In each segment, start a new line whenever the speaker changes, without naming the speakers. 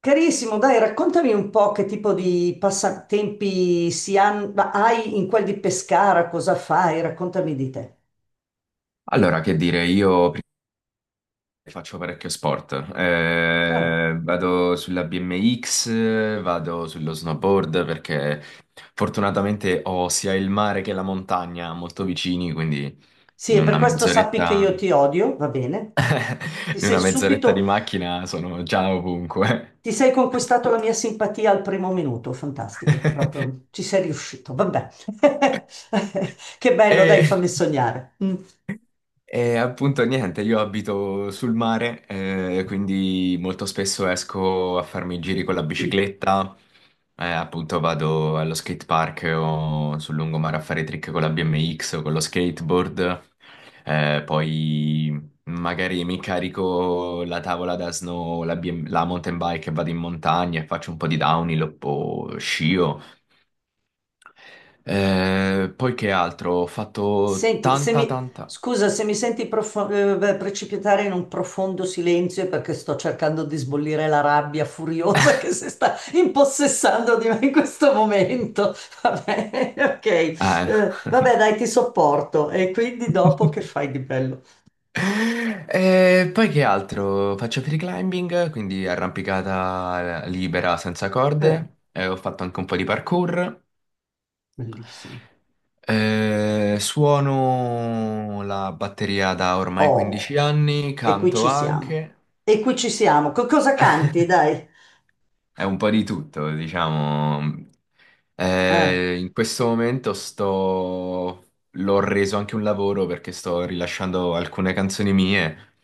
Carissimo, dai, raccontami un po' che tipo di passatempi ma hai in quel di Pescara, cosa fai? Raccontami di te.
Allora, che dire, io faccio parecchio sport.
Ah.
Vado sulla BMX, vado sullo snowboard perché fortunatamente ho sia il mare che la montagna molto vicini, quindi
Sì,
in
e per
una
questo sappi che
mezz'oretta,
io ti odio, va bene? Ti
in
sei
una mezz'oretta di
subito,
macchina sono già ovunque.
ti sei conquistato la mia simpatia al primo minuto, fantastico, proprio ci sei riuscito, vabbè. Che bello, dai,
E
fammi sognare. Mm.
E appunto niente, io abito sul mare, quindi molto spesso esco a farmi i giri con la bicicletta, appunto vado allo skate park o sul lungomare a fare trick con la BMX o con lo skateboard, poi magari mi carico la tavola da snow, la, BM la mountain bike e vado in montagna e faccio un po' di downhill o scio. Poi che altro? Ho fatto
Senti, se
tanta,
mi,
tanta...
scusa se mi senti beh, precipitare in un profondo silenzio è perché sto cercando di sbollire la rabbia furiosa che si sta impossessando di me in questo momento. Vabbè, ok.
Eh.
Vabbè, dai, ti sopporto. E quindi dopo che fai di bello?
E poi che altro? Faccio free climbing, quindi arrampicata libera senza
Eh,
corde. Ho fatto anche un po' di parkour.
bellissimo.
Suono la batteria da ormai 15
Oh,
anni,
e qui
canto
ci siamo.
anche.
E qui ci siamo. Cosa canti, dai?
È un po' di tutto, diciamo.
Eh,
In questo momento sto... L'ho reso anche un lavoro perché sto rilasciando alcune canzoni mie.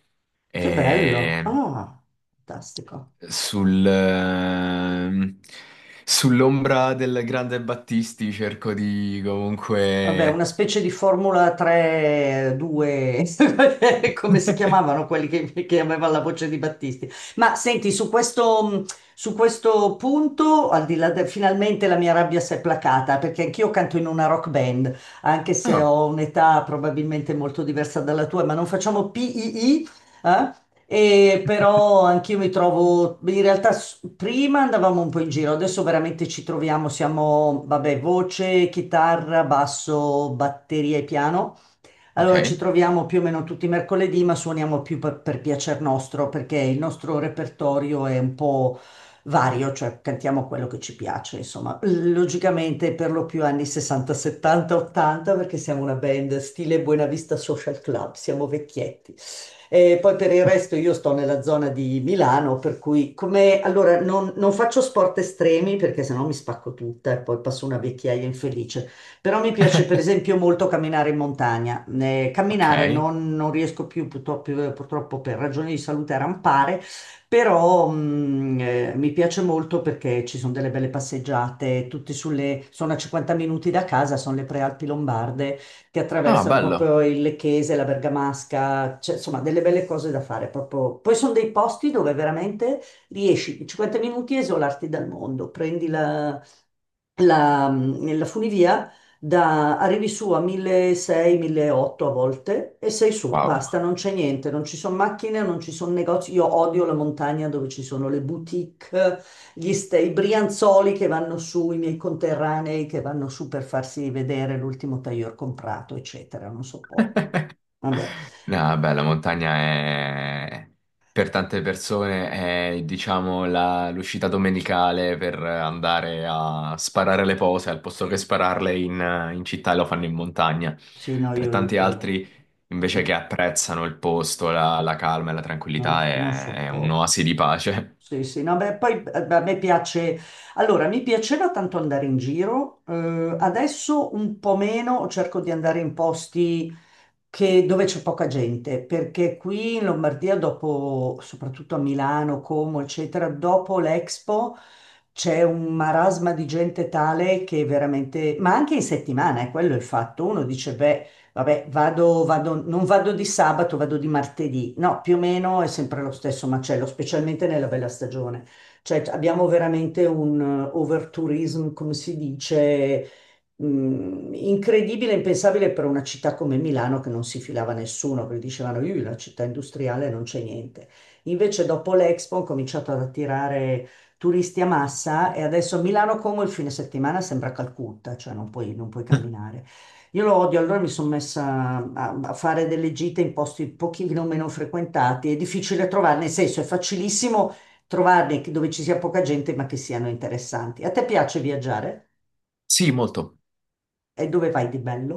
che bello.
E
Ah, fantastico.
Sul, ehm, sull'ombra del grande Battisti cerco di
Vabbè, una
comunque...
specie di Formula 3, 2, come si chiamavano quelli che aveva la voce di Battisti. Ma senti, su questo punto, al di là de- finalmente la mia rabbia si è placata, perché anch'io canto in una rock band, anche se
Ah,
ho un'età probabilmente molto diversa dalla tua, ma non facciamo PII, eh? E però anch'io mi trovo, in realtà prima andavamo un po' in giro, adesso veramente ci troviamo, siamo, vabbè, voce, chitarra, basso, batteria e piano. Allora ci
ok.
troviamo più o meno tutti i mercoledì, ma suoniamo più per piacer nostro, perché il nostro repertorio è un po' vario, cioè cantiamo quello che ci piace, insomma. Logicamente per lo più anni 60, 70, 80, perché siamo una band stile Buena Vista Social Club, siamo vecchietti. E poi per il resto io sto nella zona di Milano, per cui come allora non faccio sport estremi perché sennò mi spacco tutta e poi passo una vecchiaia infelice. Però mi piace per esempio molto camminare in montagna. Eh,
Ok.
camminare non riesco più purtroppo, purtroppo, per ragioni di salute a rampare, però mi piace molto perché ci sono delle belle passeggiate, tutte sulle, sono a 50 minuti da casa, sono le prealpi lombarde che
Ah,
attraversano
bello.
proprio il Lecchese, la Bergamasca, cioè, insomma delle belle cose da fare proprio. Poi sono dei posti dove veramente riesci in 50 minuti a isolarti dal mondo, prendi la funivia da, arrivi su a 1600, 1800 a volte e sei su,
Wow.
basta, non c'è niente, non ci sono macchine, non ci sono negozi. Io odio la montagna dove ci sono le boutique, i brianzoli che vanno su, i miei conterranei che vanno su per farsi vedere l'ultimo tailleur comprato, eccetera, non sopporto. Vabbè,
No, beh, la montagna è... Per tante persone è, diciamo, l'uscita domenicale per andare a sparare le pose, al posto che spararle in città lo fanno in montagna.
sì, no,
Per
io
tanti
quello,
altri, invece
mm,
che apprezzano il posto, la calma e la tranquillità,
no, non
è
sopporto.
un'oasi di pace.
Sì, sì, no, beh, poi a me piace, allora mi piaceva tanto andare in giro, adesso un po' meno, cerco di andare in posti dove c'è poca gente, perché qui in Lombardia, dopo, soprattutto a Milano, Como, eccetera, dopo l'Expo c'è un marasma di gente tale che veramente, ma anche in settimana, è quello il fatto. Uno dice, beh, vabbè, vado, non vado di sabato, vado di martedì. No, più o meno è sempre lo stesso macello, specialmente nella bella stagione. Cioè, abbiamo veramente un overtourism, come si dice, incredibile, impensabile per una città come Milano che non si filava nessuno, perché dicevano, io la città industriale non c'è niente. Invece dopo l'Expo ho cominciato ad attirare turisti a massa e adesso Milano Como il fine settimana sembra Calcutta, cioè non puoi camminare. Io lo odio, allora mi sono messa a fare delle gite in posti un pochino meno frequentati. È difficile trovarne, nel senso è facilissimo trovarne dove ci sia poca gente ma che siano interessanti. A te piace viaggiare?
Sì, molto.
E dove vai di bello?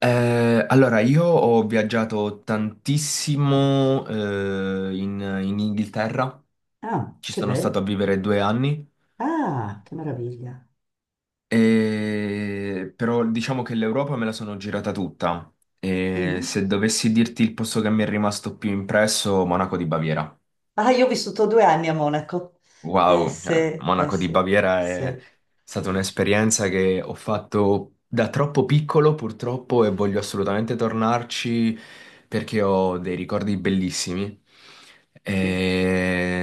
Allora, io ho viaggiato tantissimo in Inghilterra,
Ah,
ci
che
sono stato
bello.
a vivere due anni,
Ah, che meraviglia.
però diciamo che l'Europa me la sono girata tutta. E
Mhm.
se dovessi dirti il posto che mi è rimasto più impresso, Monaco di Baviera.
Ah, io ho vissuto 2 anni a Monaco. Eh
Wow,
sì,
cioè,
eh
Monaco di
sì,
Baviera è
sì.
stata un'esperienza che ho fatto da troppo piccolo, purtroppo, e voglio assolutamente tornarci perché ho dei ricordi bellissimi.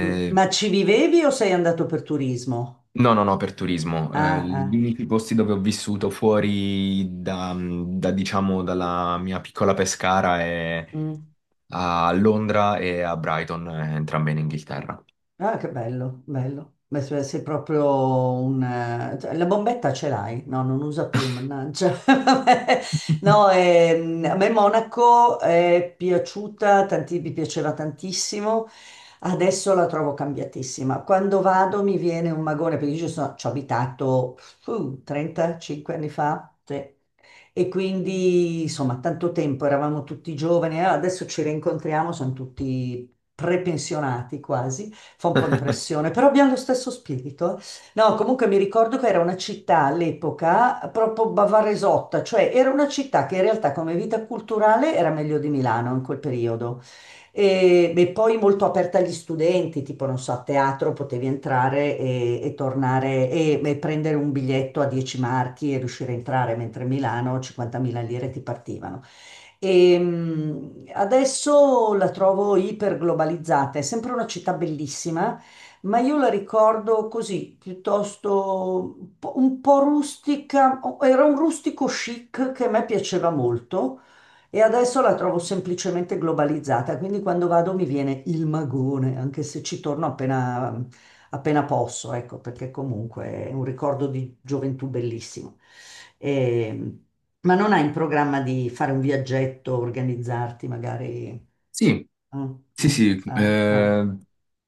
Ma ci vivevi o sei andato per turismo?
No, no, no, per turismo.
Ah,
Gli
ah,
unici posti dove ho vissuto fuori diciamo, dalla mia piccola Pescara è
mm.
a Londra e a Brighton, entrambe in Inghilterra.
Ah, che bello, bello. Beh, sei proprio un cioè, la bombetta ce l'hai? No, non usa più, mannaggia. Vabbè. No, a me Monaco è piaciuta, mi piaceva tantissimo. Adesso la trovo cambiatissima. Quando vado mi viene un magone, perché io ci ho abitato 35 anni fa. Sì. E quindi, insomma, tanto tempo, eravamo tutti giovani, adesso ci rincontriamo, sono tutti prepensionati quasi, fa un po' impressione, però abbiamo lo stesso spirito. No, comunque mi ricordo che era una città all'epoca proprio bavaresotta, cioè era una città che in realtà come vita culturale era meglio di Milano in quel periodo. E poi molto aperta agli studenti, tipo non so, a teatro potevi entrare e tornare e prendere un biglietto a 10 marchi e riuscire a entrare, mentre a Milano 50.000 lire ti partivano. E adesso la trovo iperglobalizzata, è sempre una città bellissima, ma io la ricordo così, piuttosto un po' rustica, era un rustico chic che a me piaceva molto e adesso la trovo semplicemente globalizzata, quindi quando vado mi viene il magone, anche se ci torno appena posso, ecco, perché comunque è un ricordo di gioventù bellissimo. E, ma non hai in programma di fare un viaggetto, organizzarti magari?
Sì.
Mm,
Sì,
mm,
sì,
ah, ah,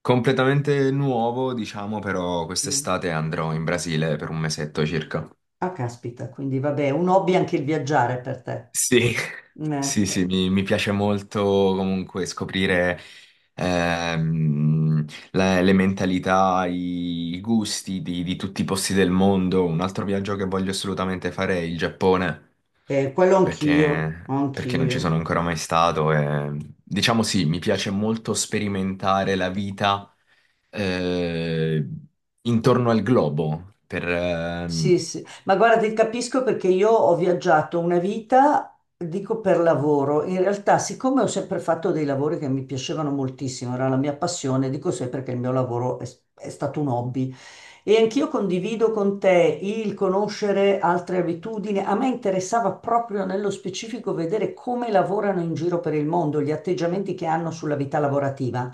completamente nuovo, diciamo, però
mm.
quest'estate andrò in Brasile per un mesetto circa.
Ah, caspita, quindi vabbè, un hobby anche il viaggiare per te.
Sì,
Eh,
Sì, sì,
eh,
mi piace molto comunque scoprire ehm, le mentalità, i gusti di tutti i posti del mondo. Un altro viaggio che voglio assolutamente fare è il Giappone,
quello anch'io,
perché, perché non ci sono
anch'io.
ancora mai stato. E, diciamo sì, mi piace molto sperimentare la vita eh, intorno al globo.
Sì, sì, ma guarda, ti capisco perché io ho viaggiato una vita, dico per lavoro. In realtà, siccome ho sempre fatto dei lavori che mi piacevano moltissimo, era la mia passione, dico sempre che il mio lavoro è stato un hobby. E anch'io condivido con te il conoscere altre abitudini. A me interessava proprio nello specifico vedere come lavorano in giro per il mondo, gli atteggiamenti che hanno sulla vita lavorativa.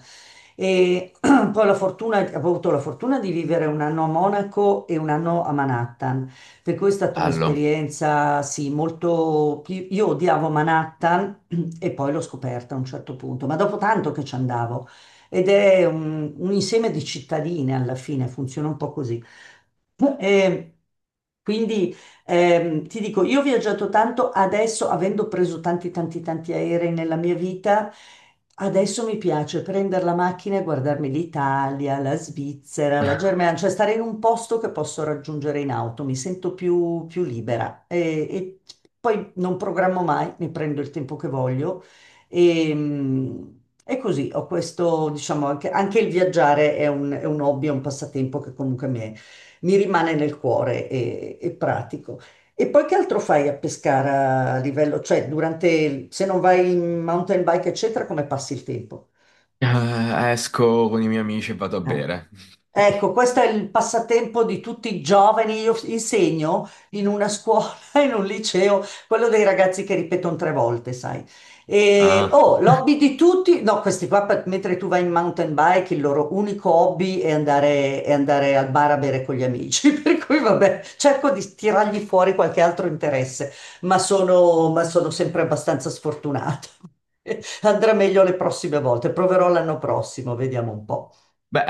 E poi ho avuto la fortuna di vivere un anno a Monaco e un anno a Manhattan, per cui è stata
Bello.
un'esperienza, sì, molto. Io odiavo Manhattan e poi l'ho scoperta a un certo punto, ma dopo tanto che ci andavo ed è un insieme di cittadine alla fine, funziona un po' così. E quindi ti dico, io ho viaggiato tanto, adesso avendo preso tanti tanti tanti aerei nella mia vita, adesso mi piace prendere la macchina e guardarmi l'Italia, la Svizzera, la Germania, cioè stare in un posto che posso raggiungere in auto, mi sento più libera e, poi non programmo mai, mi prendo il tempo che voglio e, e così ho questo, diciamo, anche il viaggiare è un hobby, è un passatempo che comunque mi rimane nel cuore e pratico. E poi che altro fai a Pescara a livello, cioè durante, se non vai in mountain bike, eccetera, come passi il tempo?
Esco con i miei amici e vado a
Eh.
bere.
Ecco, questo è il passatempo di tutti i giovani. Io insegno in una scuola, in un liceo, quello dei ragazzi che ripetono tre volte, sai. E,
Ah,
oh, l'hobby di tutti, no, questi qua, mentre tu vai in mountain bike, il loro unico hobby è andare, al bar a bere con gli amici. Per cui, vabbè, cerco di tirargli fuori qualche altro interesse, ma sono sempre abbastanza sfortunata. Andrà meglio le prossime volte, proverò l'anno prossimo, vediamo un po'.
beh,